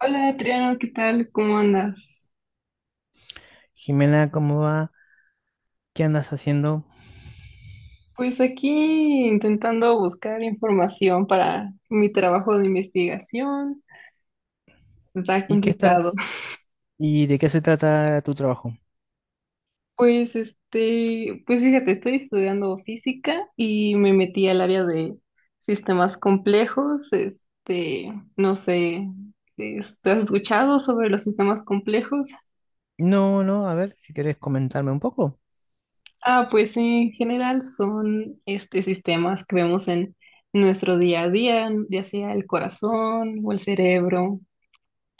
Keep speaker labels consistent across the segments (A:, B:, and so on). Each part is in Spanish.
A: Hola Adriano, ¿qué tal? ¿Cómo andas?
B: Jimena, ¿cómo va? ¿Qué andas haciendo?
A: Pues aquí intentando buscar información para mi trabajo de investigación. Está
B: ¿Y qué
A: complicado.
B: estás? ¿Y de qué se trata tu trabajo?
A: Pues fíjate, estoy estudiando física y me metí al área de sistemas complejos. No sé, ¿te has escuchado sobre los sistemas complejos?
B: No, no, a ver, si querés comentarme un poco.
A: Ah, pues sí, en general son sistemas que vemos en nuestro día a día, ya sea el corazón o el cerebro.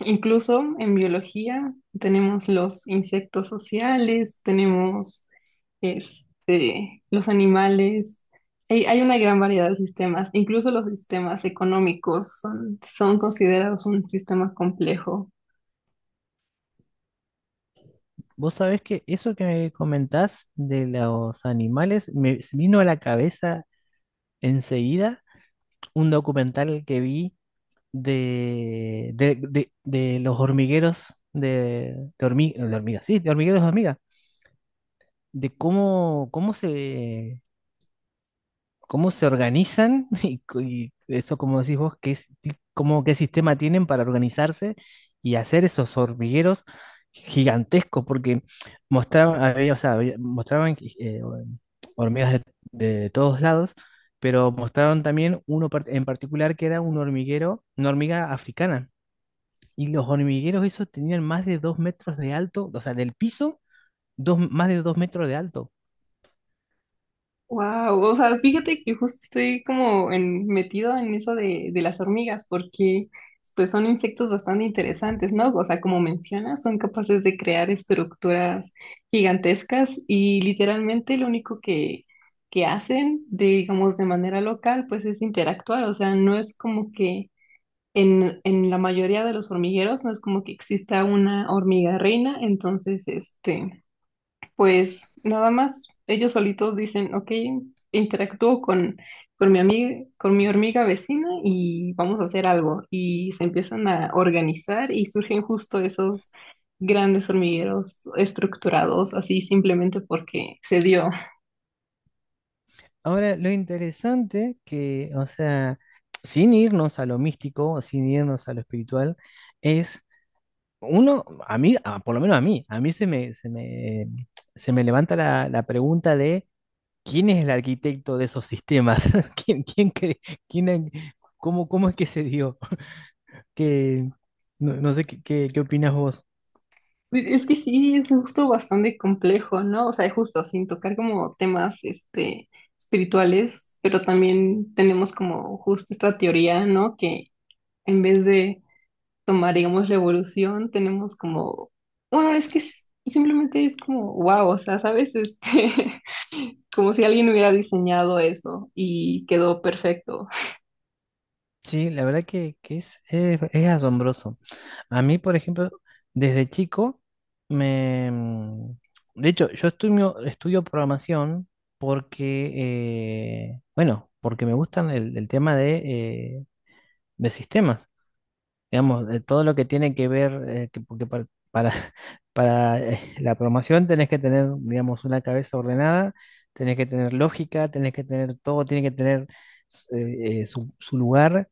A: Incluso en biología tenemos los insectos sociales, tenemos los animales. Hay una gran variedad de sistemas. Incluso los sistemas económicos son considerados un sistema complejo.
B: Vos sabés que eso que me comentás de los animales me se vino a la cabeza enseguida un documental que vi de los hormigueros de hormigas, sí, de hormigueros de hormigas, de cómo se organizan y eso, como decís vos, qué, es- ti- cómo, qué sistema tienen para organizarse y hacer esos hormigueros gigantescos, porque mostraban, o sea, mostraban hormigas de todos lados, pero mostraron también en particular, que era un hormiguero, una hormiga africana. Y los hormigueros esos tenían más de dos metros de alto, o sea, del piso, más de dos metros de alto.
A: Wow, o sea, fíjate que justo estoy como metido en eso de las hormigas, porque pues son insectos bastante interesantes, ¿no? O sea, como mencionas, son capaces de crear estructuras gigantescas y literalmente lo único que hacen, digamos, de manera local, pues es interactuar, o sea, no es como que en la mayoría de los hormigueros no es como que exista una hormiga reina, entonces, este... Pues nada más ellos solitos dicen, ok, interactúo con mi amiga, con mi hormiga vecina, y vamos a hacer algo. Y se empiezan a organizar y surgen justo esos grandes hormigueros estructurados, así simplemente porque se dio.
B: Ahora, lo interesante que, o sea, sin irnos a lo místico, sin irnos a lo espiritual, es uno, por lo menos a mí, se me levanta la pregunta de quién es el arquitecto de esos sistemas, quién, quién, cre- quién, ha- cómo es que se dio, que no, no sé qué opinas vos.
A: Pues es que sí, es justo bastante complejo, ¿no? O sea, justo sin tocar como temas, espirituales, pero también tenemos como justo esta teoría, ¿no? Que en vez de tomaríamos la evolución, tenemos como, bueno, es que simplemente es como, wow, o sea, ¿sabes? Como si alguien hubiera diseñado eso y quedó perfecto.
B: Sí, la verdad que es asombroso. A mí, por ejemplo, desde chico, me... mm, de hecho, yo estudio programación porque, bueno, porque me gustan el tema de sistemas, digamos, de todo lo que tiene que ver, porque la programación tenés que tener, digamos, una cabeza ordenada, tenés que tener lógica, tenés que tener todo, tiene que tener su lugar,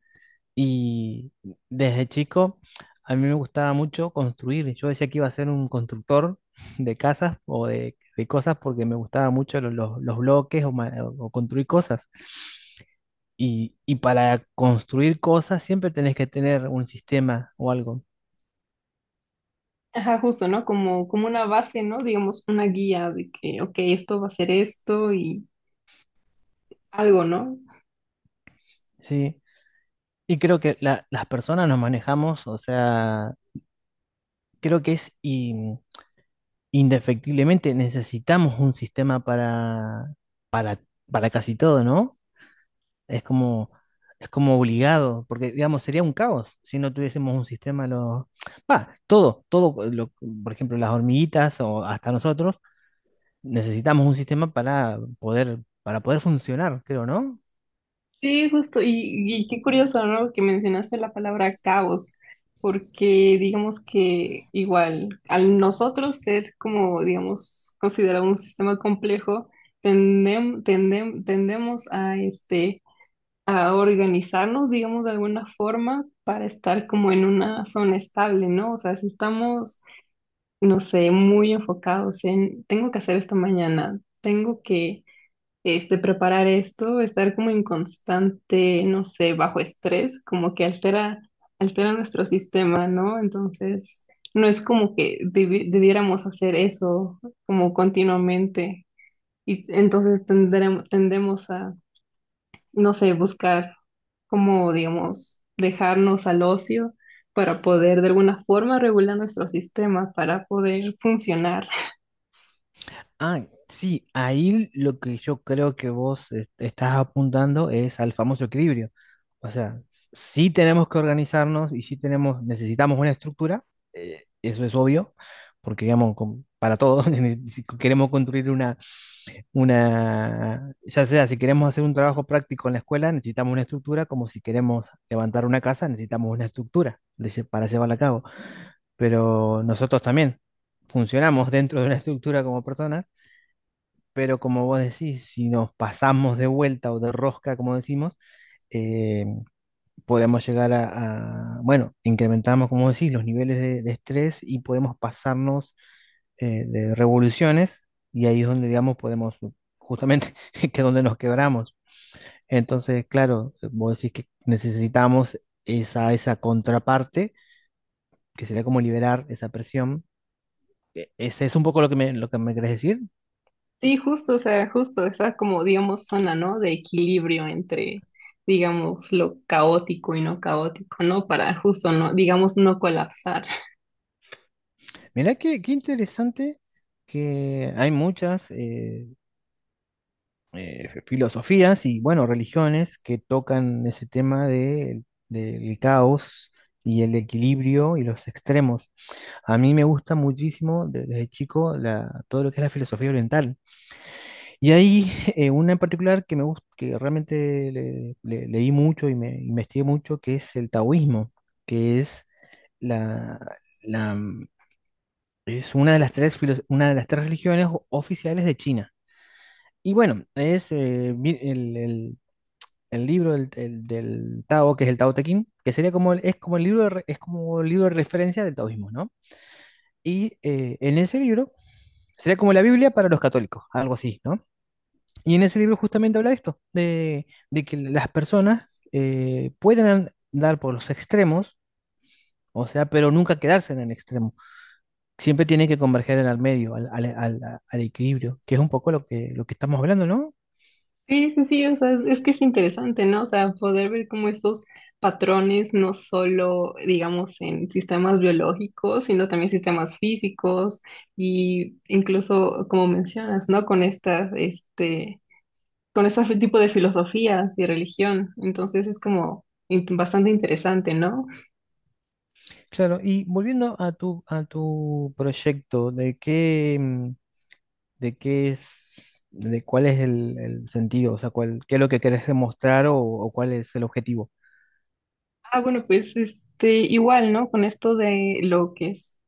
B: y desde chico a mí me gustaba mucho construir. Yo decía que iba a ser un constructor de casas o de cosas, porque me gustaba mucho bloques o construir cosas. Y para construir cosas siempre tenés que tener un sistema o algo,
A: Ajá, justo, ¿no? Como, como una base, ¿no? Digamos, una guía de que, ok, esto va a ser esto y algo, ¿no?
B: ¿sí? Y creo que las personas nos manejamos, o sea, creo que indefectiblemente necesitamos un sistema para casi todo, ¿no? Es como, es como obligado, porque digamos, sería un caos si no tuviésemos un sistema, lo, va, todo, todo, lo- por ejemplo, las hormiguitas o hasta nosotros, necesitamos un sistema para poder funcionar, creo, ¿no?
A: Sí, justo, y qué curioso, ¿no? Que mencionaste la palabra caos, porque digamos que igual, al nosotros ser como, digamos, considerado un sistema complejo, tendemos a, a organizarnos, digamos, de alguna forma para estar como en una zona estable, ¿no? O sea, si estamos, no sé, muy enfocados en, tengo que hacer esto mañana, tengo que preparar esto, estar como en constante, no sé, bajo estrés, como que altera nuestro sistema, ¿no? Entonces, no es como que debiéramos hacer eso como continuamente y entonces tendemos a, no sé, buscar como, digamos, dejarnos al ocio para poder de alguna forma regular nuestro sistema, para poder funcionar.
B: Ah, sí, ahí lo que yo creo que vos estás apuntando es al famoso equilibrio. O sea, sí tenemos que organizarnos y sí necesitamos una estructura, eso es obvio, porque digamos, para todos, si queremos construir ya sea, si queremos hacer un trabajo práctico en la escuela, necesitamos una estructura, como si queremos levantar una casa, necesitamos una estructura para llevarla a cabo. Pero nosotros también funcionamos dentro de una estructura como personas. Pero como vos decís, si nos pasamos de vuelta o de rosca, como decimos, eh, podemos llegar bueno, incrementamos, como decís, los niveles de estrés, y podemos pasarnos de revoluciones, y ahí es donde, digamos, justamente, que es donde nos quebramos. Entonces, claro, vos decís que necesitamos esa contraparte, que sería como liberar esa presión. ¿Ese es un poco lo que me, querés decir?
A: Sí, justo, o sea, justo, está como, digamos, zona, ¿no? De equilibrio entre, digamos, lo caótico y no caótico, ¿no? Para justo, no, digamos, no colapsar.
B: Mirá qué interesante, que hay muchas filosofías y, bueno, religiones que tocan ese tema del caos y el equilibrio y los extremos. A mí me gusta muchísimo desde chico todo lo que es la filosofía oriental. Y hay una en particular que me gusta, que realmente leí mucho y me investigué mucho, que es el taoísmo. que es la, Es una de las tres, una de las tres religiones oficiales de China. Y bueno, es vi- el libro del Tao, que es el Tao Te Ching, que sería como, es como el libro es como el libro de referencia del taoísmo, ¿no? Y en ese libro, sería como la Biblia para los católicos, algo así, ¿no? Y en ese libro justamente habla de esto, de que las personas, pueden andar por los extremos, o sea, pero nunca quedarse en el extremo. Siempre tiene que converger en el medio, al equilibrio, que es un poco lo que, estamos hablando, ¿no?
A: Sí, sí, sí, o sea, es que es interesante, ¿no? O sea, poder ver como estos patrones, no solo, digamos, en sistemas biológicos, sino también sistemas físicos y incluso, como mencionas, ¿no? Con estas, este... con ese tipo de filosofías y religión. Entonces es como bastante interesante, ¿no?
B: Claro, y volviendo a tu proyecto, ¿de qué, mm, de qué es, de cuál es el sentido? O sea, cuál, qué es lo que querés demostrar, o cuál es el objetivo.
A: Ah, bueno, pues este, igual, ¿no? Con esto de lo que es,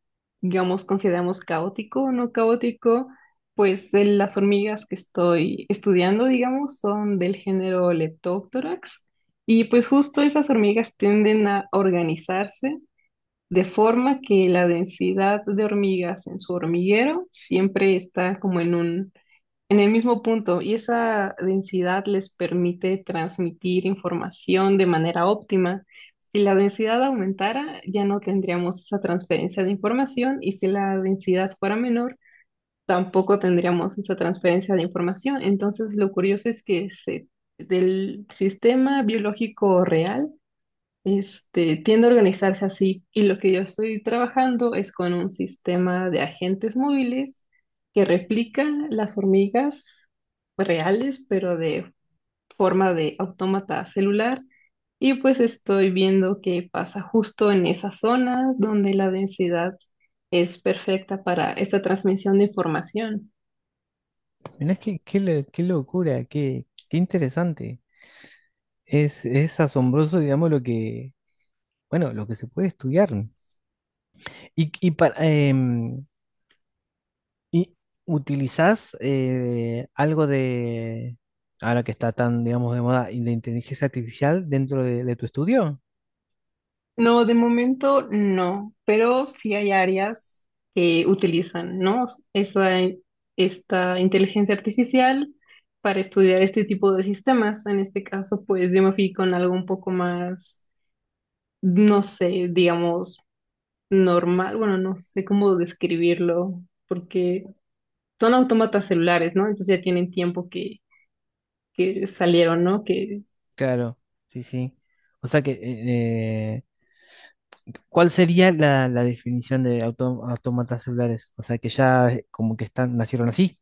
A: digamos, consideramos caótico o no caótico, pues de las hormigas que estoy estudiando, digamos, son del género Leptoctorax. Y pues justo esas hormigas tienden a organizarse de forma que la densidad de hormigas en su hormiguero siempre está como en un En el mismo punto, y esa densidad les permite transmitir información de manera óptima. Si la densidad aumentara, ya no tendríamos esa transferencia de información, y si la densidad fuera menor, tampoco tendríamos esa transferencia de información. Entonces, lo curioso es que del sistema biológico real tiende a organizarse así, y lo que yo estoy trabajando es con un sistema de agentes móviles que replica las hormigas reales, pero de forma de autómata celular. Y pues estoy viendo qué pasa justo en esa zona donde la densidad es perfecta para esta transmisión de información.
B: Mirá, qué locura, qué interesante. Es asombroso, digamos, lo que, bueno, lo que se puede estudiar. Y, y para, em, ¿Y utilizás algo de, ahora que está tan, digamos, de moda, y de inteligencia artificial dentro de tu estudio?
A: No, de momento no, pero sí hay áreas que utilizan, ¿no? Esa, esta inteligencia artificial para estudiar este tipo de sistemas. En este caso, pues yo me fui con algo un poco más, no sé, digamos, normal. Bueno, no sé cómo describirlo, porque son autómatas celulares, ¿no? Entonces ya tienen tiempo que salieron, ¿no? Que
B: Claro, sí, sí. O sea que, ¿cuál sería la definición de autómatas celulares? O sea que ya como que están, nacieron así.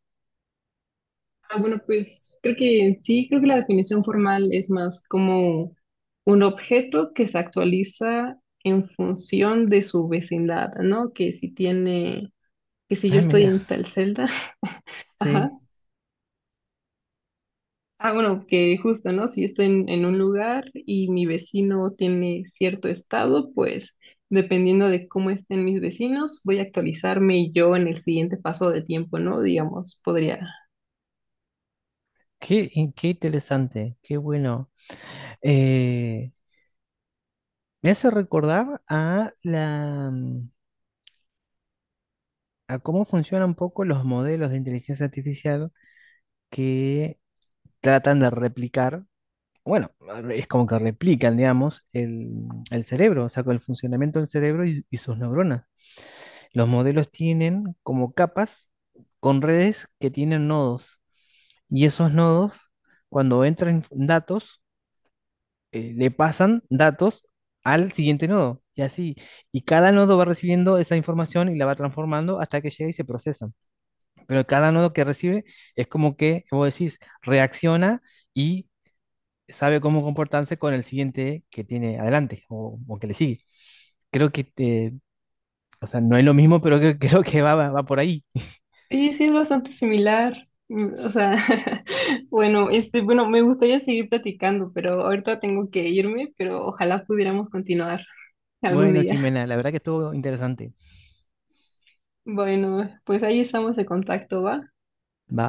A: ah, bueno, pues creo que sí, creo que la definición formal es más como un objeto que se actualiza en función de su vecindad, ¿no? Que si tiene, que si yo
B: Ah,
A: estoy
B: mira,
A: en tal celda, ajá.
B: sí.
A: Ah, bueno, que justo, ¿no? Si yo estoy en un lugar y mi vecino tiene cierto estado, pues dependiendo de cómo estén mis vecinos, voy a actualizarme yo en el siguiente paso de tiempo, ¿no? Digamos, podría.
B: Qué interesante, qué bueno. Eh, me hace recordar a cómo funcionan un poco los modelos de inteligencia artificial, que tratan de replicar, bueno, es como que replican, digamos, el cerebro, o sea, con el funcionamiento del cerebro y sus neuronas. Los modelos tienen como capas con redes que tienen nodos. Y esos nodos, cuando entran datos, le pasan datos al siguiente nodo, y así. Y cada nodo va recibiendo esa información y la va transformando hasta que llega y se procesa. Pero cada nodo que recibe es como que, vos decís, reacciona y sabe cómo comportarse con el siguiente que tiene adelante, o, que le sigue. Creo que, o sea, no es lo mismo, pero creo, creo que va por ahí.
A: Sí, sí, es bastante similar. Mm, o sea, bueno, este, bueno, me gustaría seguir platicando, pero ahorita tengo que irme, pero ojalá pudiéramos continuar algún
B: Bueno,
A: día.
B: Jimena, la verdad que estuvo interesante.
A: Bueno, pues ahí estamos en contacto, ¿va?
B: Va.